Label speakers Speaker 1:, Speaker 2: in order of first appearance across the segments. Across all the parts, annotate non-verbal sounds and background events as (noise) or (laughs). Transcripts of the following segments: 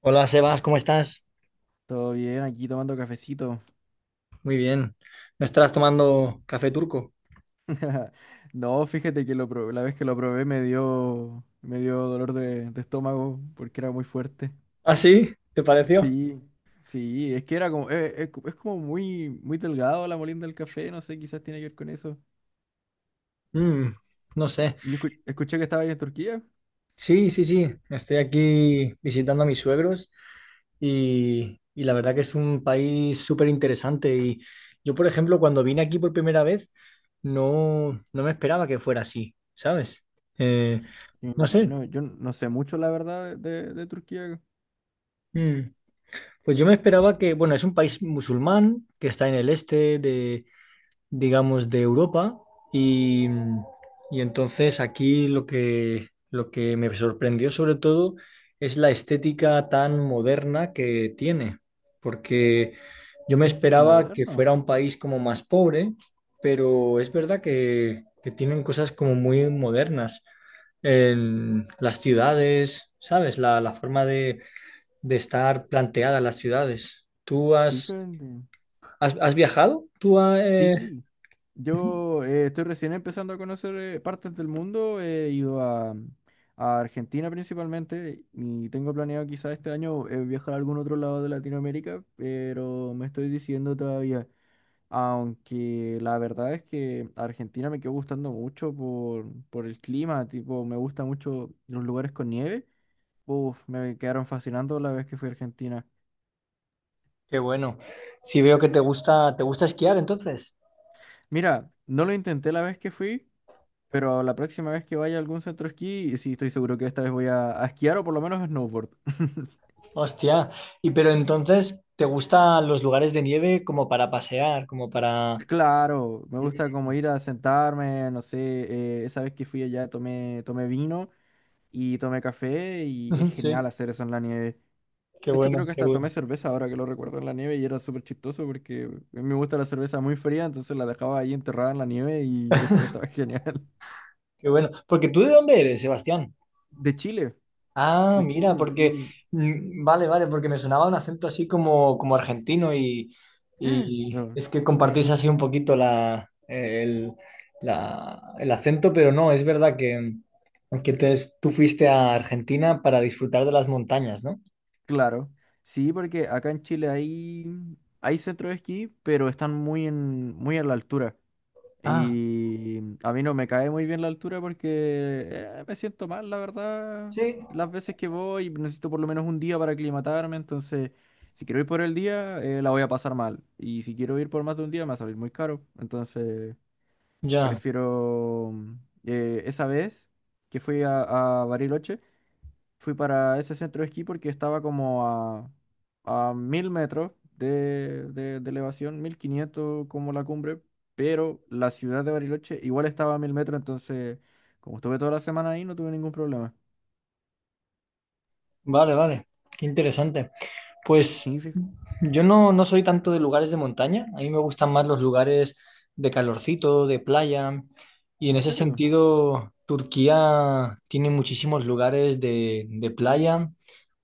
Speaker 1: Hola Sebas, ¿cómo estás?
Speaker 2: Todo bien, aquí tomando cafecito.
Speaker 1: Muy bien. ¿No estarás tomando café turco?
Speaker 2: (laughs) No, fíjate que la vez que lo probé me dio dolor de estómago porque era muy fuerte.
Speaker 1: ¿Ah, sí? ¿Te pareció?
Speaker 2: Sí, sí, es que era como, es como muy delgado la molienda del café, no sé, quizás tiene que ver con eso.
Speaker 1: Mm, no sé.
Speaker 2: Escuché que estaba ahí en Turquía.
Speaker 1: Sí, sí, sí. Estoy aquí visitando a mis suegros y la verdad que es un país súper interesante. Y yo, por ejemplo, cuando vine aquí por primera vez, no me esperaba que fuera así, ¿sabes? Eh,
Speaker 2: Me
Speaker 1: no sé.
Speaker 2: imagino, yo no sé mucho la verdad de Turquía
Speaker 1: Mm, pues yo me esperaba que, bueno, es un país musulmán que está en el este, digamos, de Europa, y, y entonces aquí lo que me sorprendió sobre todo es la estética tan moderna que tiene, porque yo me esperaba que
Speaker 2: moderno.
Speaker 1: fuera un país como más pobre, pero es verdad que tienen cosas como muy modernas en las ciudades, ¿sabes? La forma de estar planteadas las ciudades. ¿Tú has,
Speaker 2: Fíjate.
Speaker 1: has, has viajado? ¿Tú,
Speaker 2: Sí, yo estoy recién empezando a conocer partes del mundo. He ido a Argentina principalmente y tengo planeado quizás este año viajar a algún otro lado de Latinoamérica, pero me estoy diciendo todavía, aunque la verdad es que Argentina me quedó gustando mucho por el clima, tipo, me gusta mucho los lugares con nieve. Uf, me quedaron fascinando la vez que fui a Argentina.
Speaker 1: Qué bueno. Si veo que te gusta esquiar entonces.
Speaker 2: Mira, no lo intenté la vez que fui. Pero la próxima vez que vaya a algún centro esquí, sí, estoy seguro que esta vez a esquiar o por lo menos a snowboard. (laughs)
Speaker 1: Hostia. Y pero entonces, ¿te gustan los lugares de nieve como para pasear, como para...
Speaker 2: Claro, me gusta
Speaker 1: (laughs)
Speaker 2: como ir a sentarme, no sé, esa vez que fui allá tomé vino y tomé café y es genial
Speaker 1: Sí,
Speaker 2: hacer eso en la nieve.
Speaker 1: qué
Speaker 2: De hecho, creo
Speaker 1: bueno,
Speaker 2: que
Speaker 1: qué
Speaker 2: hasta tomé
Speaker 1: bueno,
Speaker 2: cerveza ahora que lo recuerdo en la nieve y era súper chistoso porque a mí me gusta la cerveza muy fría, entonces la dejaba ahí enterrada en la nieve y después estaba (laughs) genial.
Speaker 1: qué bueno. ¿Porque tú de dónde eres, Sebastián?
Speaker 2: De Chile,
Speaker 1: Ah,
Speaker 2: de
Speaker 1: mira,
Speaker 2: Chile,
Speaker 1: porque,
Speaker 2: sí.
Speaker 1: vale, vale, porque me sonaba un acento así como, como argentino y
Speaker 2: Bueno.
Speaker 1: es que
Speaker 2: (laughs)
Speaker 1: compartís así un poquito la- el acento, pero no, es verdad que entonces tú fuiste a Argentina para disfrutar de las montañas, ¿no?
Speaker 2: Claro, sí, porque acá en Chile hay, hay centros de esquí, pero están muy en la altura.
Speaker 1: Ah,
Speaker 2: Y a mí no me cae muy bien la altura porque me siento mal, la verdad.
Speaker 1: sí,
Speaker 2: Las veces que voy, necesito por lo menos un día para aclimatarme, entonces si quiero ir por el día, la voy a pasar mal. Y si quiero ir por más de un día, me va a salir muy caro. Entonces,
Speaker 1: ya,
Speaker 2: prefiero esa vez que fui a Bariloche. Fui para ese centro de esquí porque estaba como a 1000 metros de elevación, 1500 como la cumbre, pero la ciudad de Bariloche igual estaba a 1000 metros, entonces como estuve toda la semana ahí no tuve ningún problema.
Speaker 1: vale, vale, qué interesante. Pues
Speaker 2: Sí,
Speaker 1: yo no, no soy tanto de lugares de montaña, a mí me gustan más los lugares de calorcito, de playa, y en
Speaker 2: ¿en
Speaker 1: ese
Speaker 2: serio?
Speaker 1: sentido Turquía tiene muchísimos lugares de playa,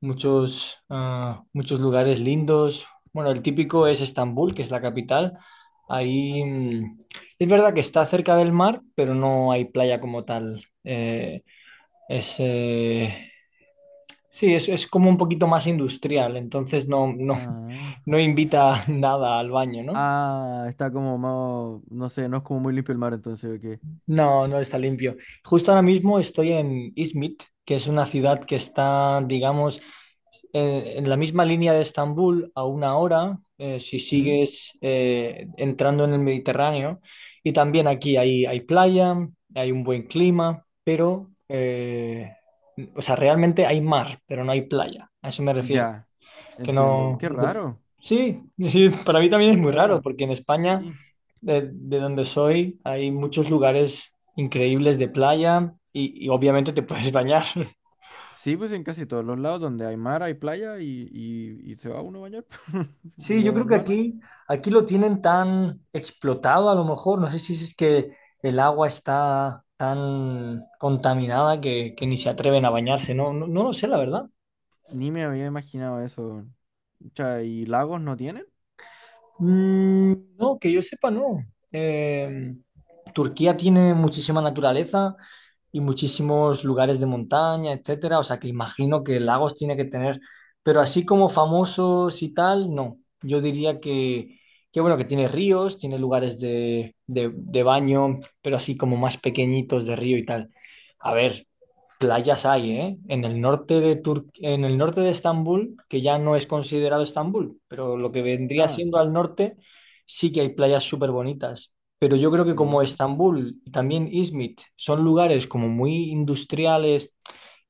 Speaker 1: muchos, ah, muchos lugares lindos. Bueno, el típico es Estambul, que es la capital. Ahí es verdad que está cerca del mar, pero no hay playa como tal. Es, eh, Sí, es como un poquito más industrial, entonces no, no,
Speaker 2: Ah.
Speaker 1: (laughs) no invita nada al baño, ¿no?
Speaker 2: Ah, está como más, no sé, no es como muy limpio el mar entonces, ¿o qué?
Speaker 1: No, no está limpio. Justo ahora mismo estoy en Izmit, que es una ciudad que está, digamos, en la misma línea de Estambul a una hora, si
Speaker 2: Mm,
Speaker 1: sigues entrando en el Mediterráneo. Y también aquí hay, hay playa, hay un buen clima, pero, o sea, realmente hay mar, pero no hay playa. A eso me refiero.
Speaker 2: Ya,
Speaker 1: Que
Speaker 2: entiendo.
Speaker 1: no.
Speaker 2: Qué
Speaker 1: no te-
Speaker 2: raro,
Speaker 1: Sí, sí, para mí también es muy raro,
Speaker 2: raro.
Speaker 1: porque en España,
Speaker 2: Sí.
Speaker 1: de donde soy, hay muchos lugares increíbles de playa y obviamente te puedes bañar. (laughs)
Speaker 2: Sí, pues en casi todos los lados donde hay mar, hay playa y, y se va uno a bañar, (laughs)
Speaker 1: Sí, yo
Speaker 2: lo
Speaker 1: creo que
Speaker 2: normal.
Speaker 1: aquí, aquí lo tienen tan explotado a lo mejor. No sé si es que el agua está tan contaminada que ni se atreven a bañarse. No, no, no lo sé, la verdad.
Speaker 2: Ni me había imaginado eso. Cha, ¿y lagos no tienen?
Speaker 1: Mm, no, que yo sepa, no. Eh, Turquía tiene muchísima naturaleza y muchísimos lugares de montaña, etcétera. O sea que imagino que lagos tiene que tener, pero así como famosos y tal, no. Yo diría que bueno, que tiene ríos, tiene lugares de baño, pero así como más pequeñitos de río y tal. A ver, playas hay, ¿eh? En el norte de Tur- en el norte de Estambul, que ya no es considerado Estambul, pero lo que vendría
Speaker 2: Ah,
Speaker 1: siendo al norte, sí que hay playas súper bonitas. Pero yo creo que como
Speaker 2: mira,
Speaker 1: Estambul y también Izmit son lugares como muy industriales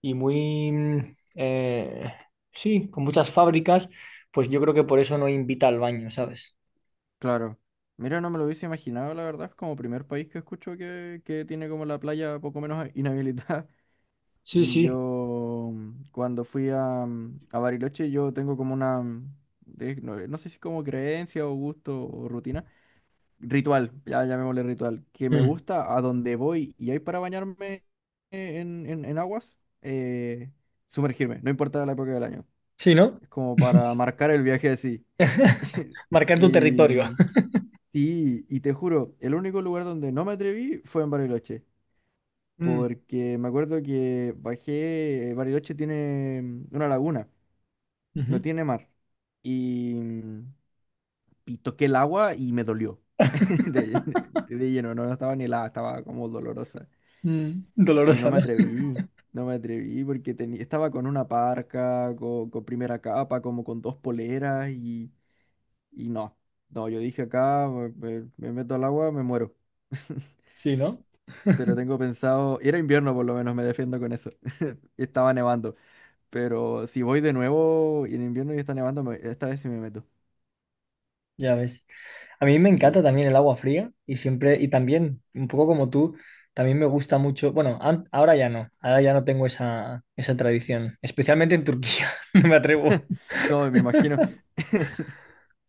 Speaker 1: y muy, sí, con muchas fábricas, pues yo creo que por eso no invita al baño, ¿sabes?
Speaker 2: claro. Mira, no me lo hubiese imaginado, la verdad, es como primer país que escucho que tiene como la playa poco menos inhabilitada. (laughs)
Speaker 1: Sí, sí.
Speaker 2: Yo, cuando fui a, a Bariloche, yo tengo como una, no, no sé si como creencia o gusto o rutina. Ritual, ya llamémosle ritual, que me
Speaker 1: Mm.
Speaker 2: gusta a donde voy y hay para bañarme en, en aguas, sumergirme, no importa la época del año.
Speaker 1: Sí, ¿no?
Speaker 2: Es como para marcar el viaje así. (laughs)
Speaker 1: Marcar tu
Speaker 2: Y,
Speaker 1: territorio. (laughs)
Speaker 2: y te juro, el único lugar donde no me atreví fue en Bariloche,
Speaker 1: Mm,
Speaker 2: porque me acuerdo que bajé, Bariloche tiene una laguna, no
Speaker 1: ujú.
Speaker 2: tiene mar, y, y toqué el agua y me dolió (laughs) de, de lleno, no, no estaba ni helada, estaba como dolorosa.
Speaker 1: Mm,
Speaker 2: Y no
Speaker 1: dolorosa,
Speaker 2: me
Speaker 1: ¿no?
Speaker 2: atreví, no me atreví porque tenía estaba con una parca, con, primera capa, como con dos poleras y no. No, yo dije acá, me meto al agua, me muero. (laughs)
Speaker 1: Sí, ¿no?
Speaker 2: Pero tengo pensado, era invierno por lo menos, me defiendo con eso. (laughs) Estaba nevando, pero si voy de nuevo y en invierno y está nevando, esta vez sí me meto.
Speaker 1: Ya ves. A mí me encanta
Speaker 2: Sí.
Speaker 1: también el agua fría y siempre, y también, un poco como tú, también me gusta mucho, bueno, an- ahora ya no tengo esa, esa tradición, especialmente en Turquía, (laughs) no me atrevo.
Speaker 2: No, me imagino. (laughs)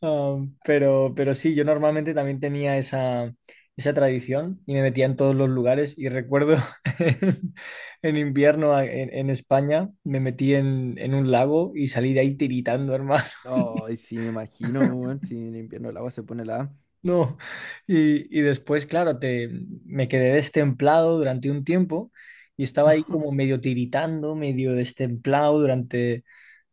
Speaker 1: Pero sí, yo normalmente también tenía esa, esa tradición y me metía en todos los lugares y recuerdo (laughs) en, invierno a- en España me metí en un lago y salí de ahí tiritando, hermano.
Speaker 2: No, y sí me imagino, weón, si en invierno el agua se pone la...
Speaker 1: No, y después, claro, te, me quedé destemplado durante un tiempo y estaba ahí como
Speaker 2: (laughs)
Speaker 1: medio tiritando, medio destemplado durante,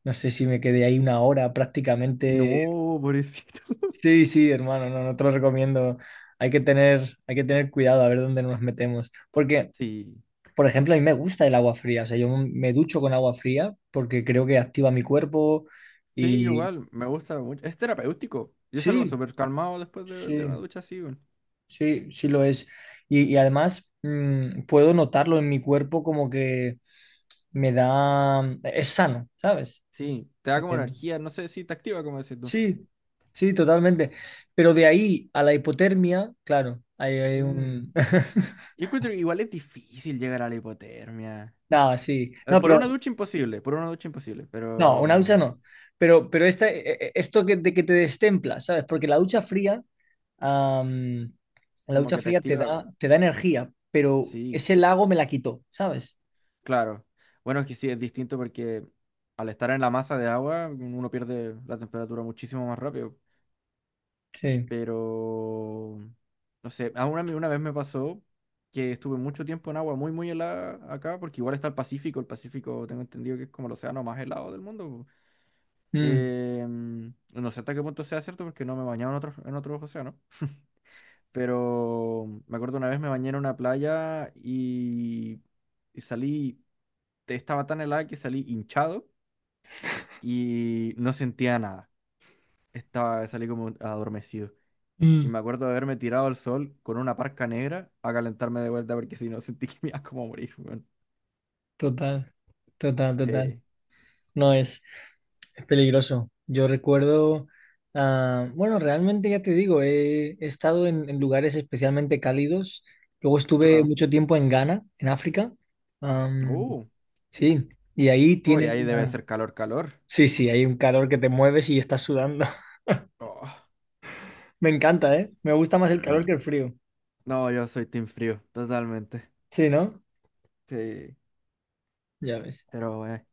Speaker 1: no sé si me quedé ahí una hora prácticamente.
Speaker 2: No, pobrecito. (laughs)
Speaker 1: Sí, sí, hermano, no, no te lo recomiendo. Hay que tener, hay que tener cuidado a ver dónde nos metemos. Porque,
Speaker 2: Sí.
Speaker 1: por ejemplo, a mí me gusta el agua fría, o sea, yo me ducho con agua fría porque creo que activa mi cuerpo
Speaker 2: Sí,
Speaker 1: y
Speaker 2: igual, me gusta mucho. Es terapéutico. Yo salgo
Speaker 1: sí,
Speaker 2: súper calmado después de
Speaker 1: sí.
Speaker 2: una ducha así, weón.
Speaker 1: Sí, sí lo es. Y además puedo notarlo en mi cuerpo como que me da... Es sano, ¿sabes?
Speaker 2: Sí, te da como
Speaker 1: Eh,
Speaker 2: energía, no sé si te activa, como decís tú.
Speaker 1: sí, sí, totalmente. Pero de ahí a la hipotermia, claro, hay
Speaker 2: Mm.
Speaker 1: un... (laughs)
Speaker 2: Yo encuentro que igual es difícil llegar a la hipotermia.
Speaker 1: No, sí. No,
Speaker 2: Por
Speaker 1: pero...
Speaker 2: una ducha imposible, por una ducha imposible,
Speaker 1: No, una ducha
Speaker 2: pero
Speaker 1: no. Pero esta, e- e- esto que, de que te destempla, ¿sabes? Porque la ducha fría, am, la
Speaker 2: como
Speaker 1: ducha
Speaker 2: que te
Speaker 1: fría
Speaker 2: activa.
Speaker 1: te da energía, pero
Speaker 2: Sí,
Speaker 1: ese lago me la quitó, ¿sabes?
Speaker 2: claro. Bueno, es que sí, es distinto porque al estar en la masa de agua, uno pierde la temperatura muchísimo más rápido.
Speaker 1: Sí.
Speaker 2: Pero, no sé, a una vez me pasó que estuve mucho tiempo en agua muy helada acá, porque igual está el Pacífico tengo entendido que es como el océano más helado del mundo. Po.
Speaker 1: Mm.
Speaker 2: Em, no sé hasta qué punto sea cierto porque no me he bañado en en otros océanos, (laughs) pero me acuerdo una vez me bañé en una playa y salí, estaba tan helada que salí hinchado y no sentía nada, estaba, salí como adormecido. Y
Speaker 1: Mm.
Speaker 2: me acuerdo de haberme tirado al sol con una parca negra a calentarme de vuelta porque si no (laughs) sentí que me iba como a morir, weón.
Speaker 1: Total, total, total.
Speaker 2: Sí,
Speaker 1: No es, es peligroso. Yo recuerdo, ah, bueno, realmente ya te digo, he, he estado en lugares especialmente cálidos. Luego estuve
Speaker 2: claro.
Speaker 1: mucho tiempo en Ghana, en África. Am,
Speaker 2: Uh,
Speaker 1: sí, y ahí
Speaker 2: uy,
Speaker 1: tienen
Speaker 2: ahí debe
Speaker 1: una...
Speaker 2: ser calor, calor.
Speaker 1: Sí, sí, hay un calor que te mueves y estás sudando. (laughs)
Speaker 2: Oh.
Speaker 1: Me encanta, ¿eh? Me gusta más el calor que
Speaker 2: (clears throat)
Speaker 1: el frío.
Speaker 2: No, yo soy team frío, totalmente.
Speaker 1: Sí, ¿no?
Speaker 2: Sí,
Speaker 1: Ya ves.
Speaker 2: pero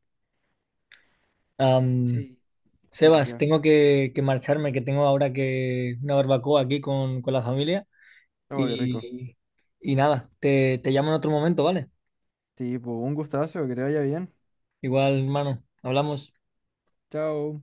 Speaker 1: Am,
Speaker 2: sí,
Speaker 1: Sebas,
Speaker 2: sería.
Speaker 1: tengo que marcharme, que tengo ahora que una barbacoa aquí con la familia.
Speaker 2: Oh, qué rico.
Speaker 1: Y, y nada, te llamo en otro momento, ¿vale?
Speaker 2: Sí, pues un gustazo, que te vaya bien.
Speaker 1: Igual, hermano, hablamos.
Speaker 2: Chao.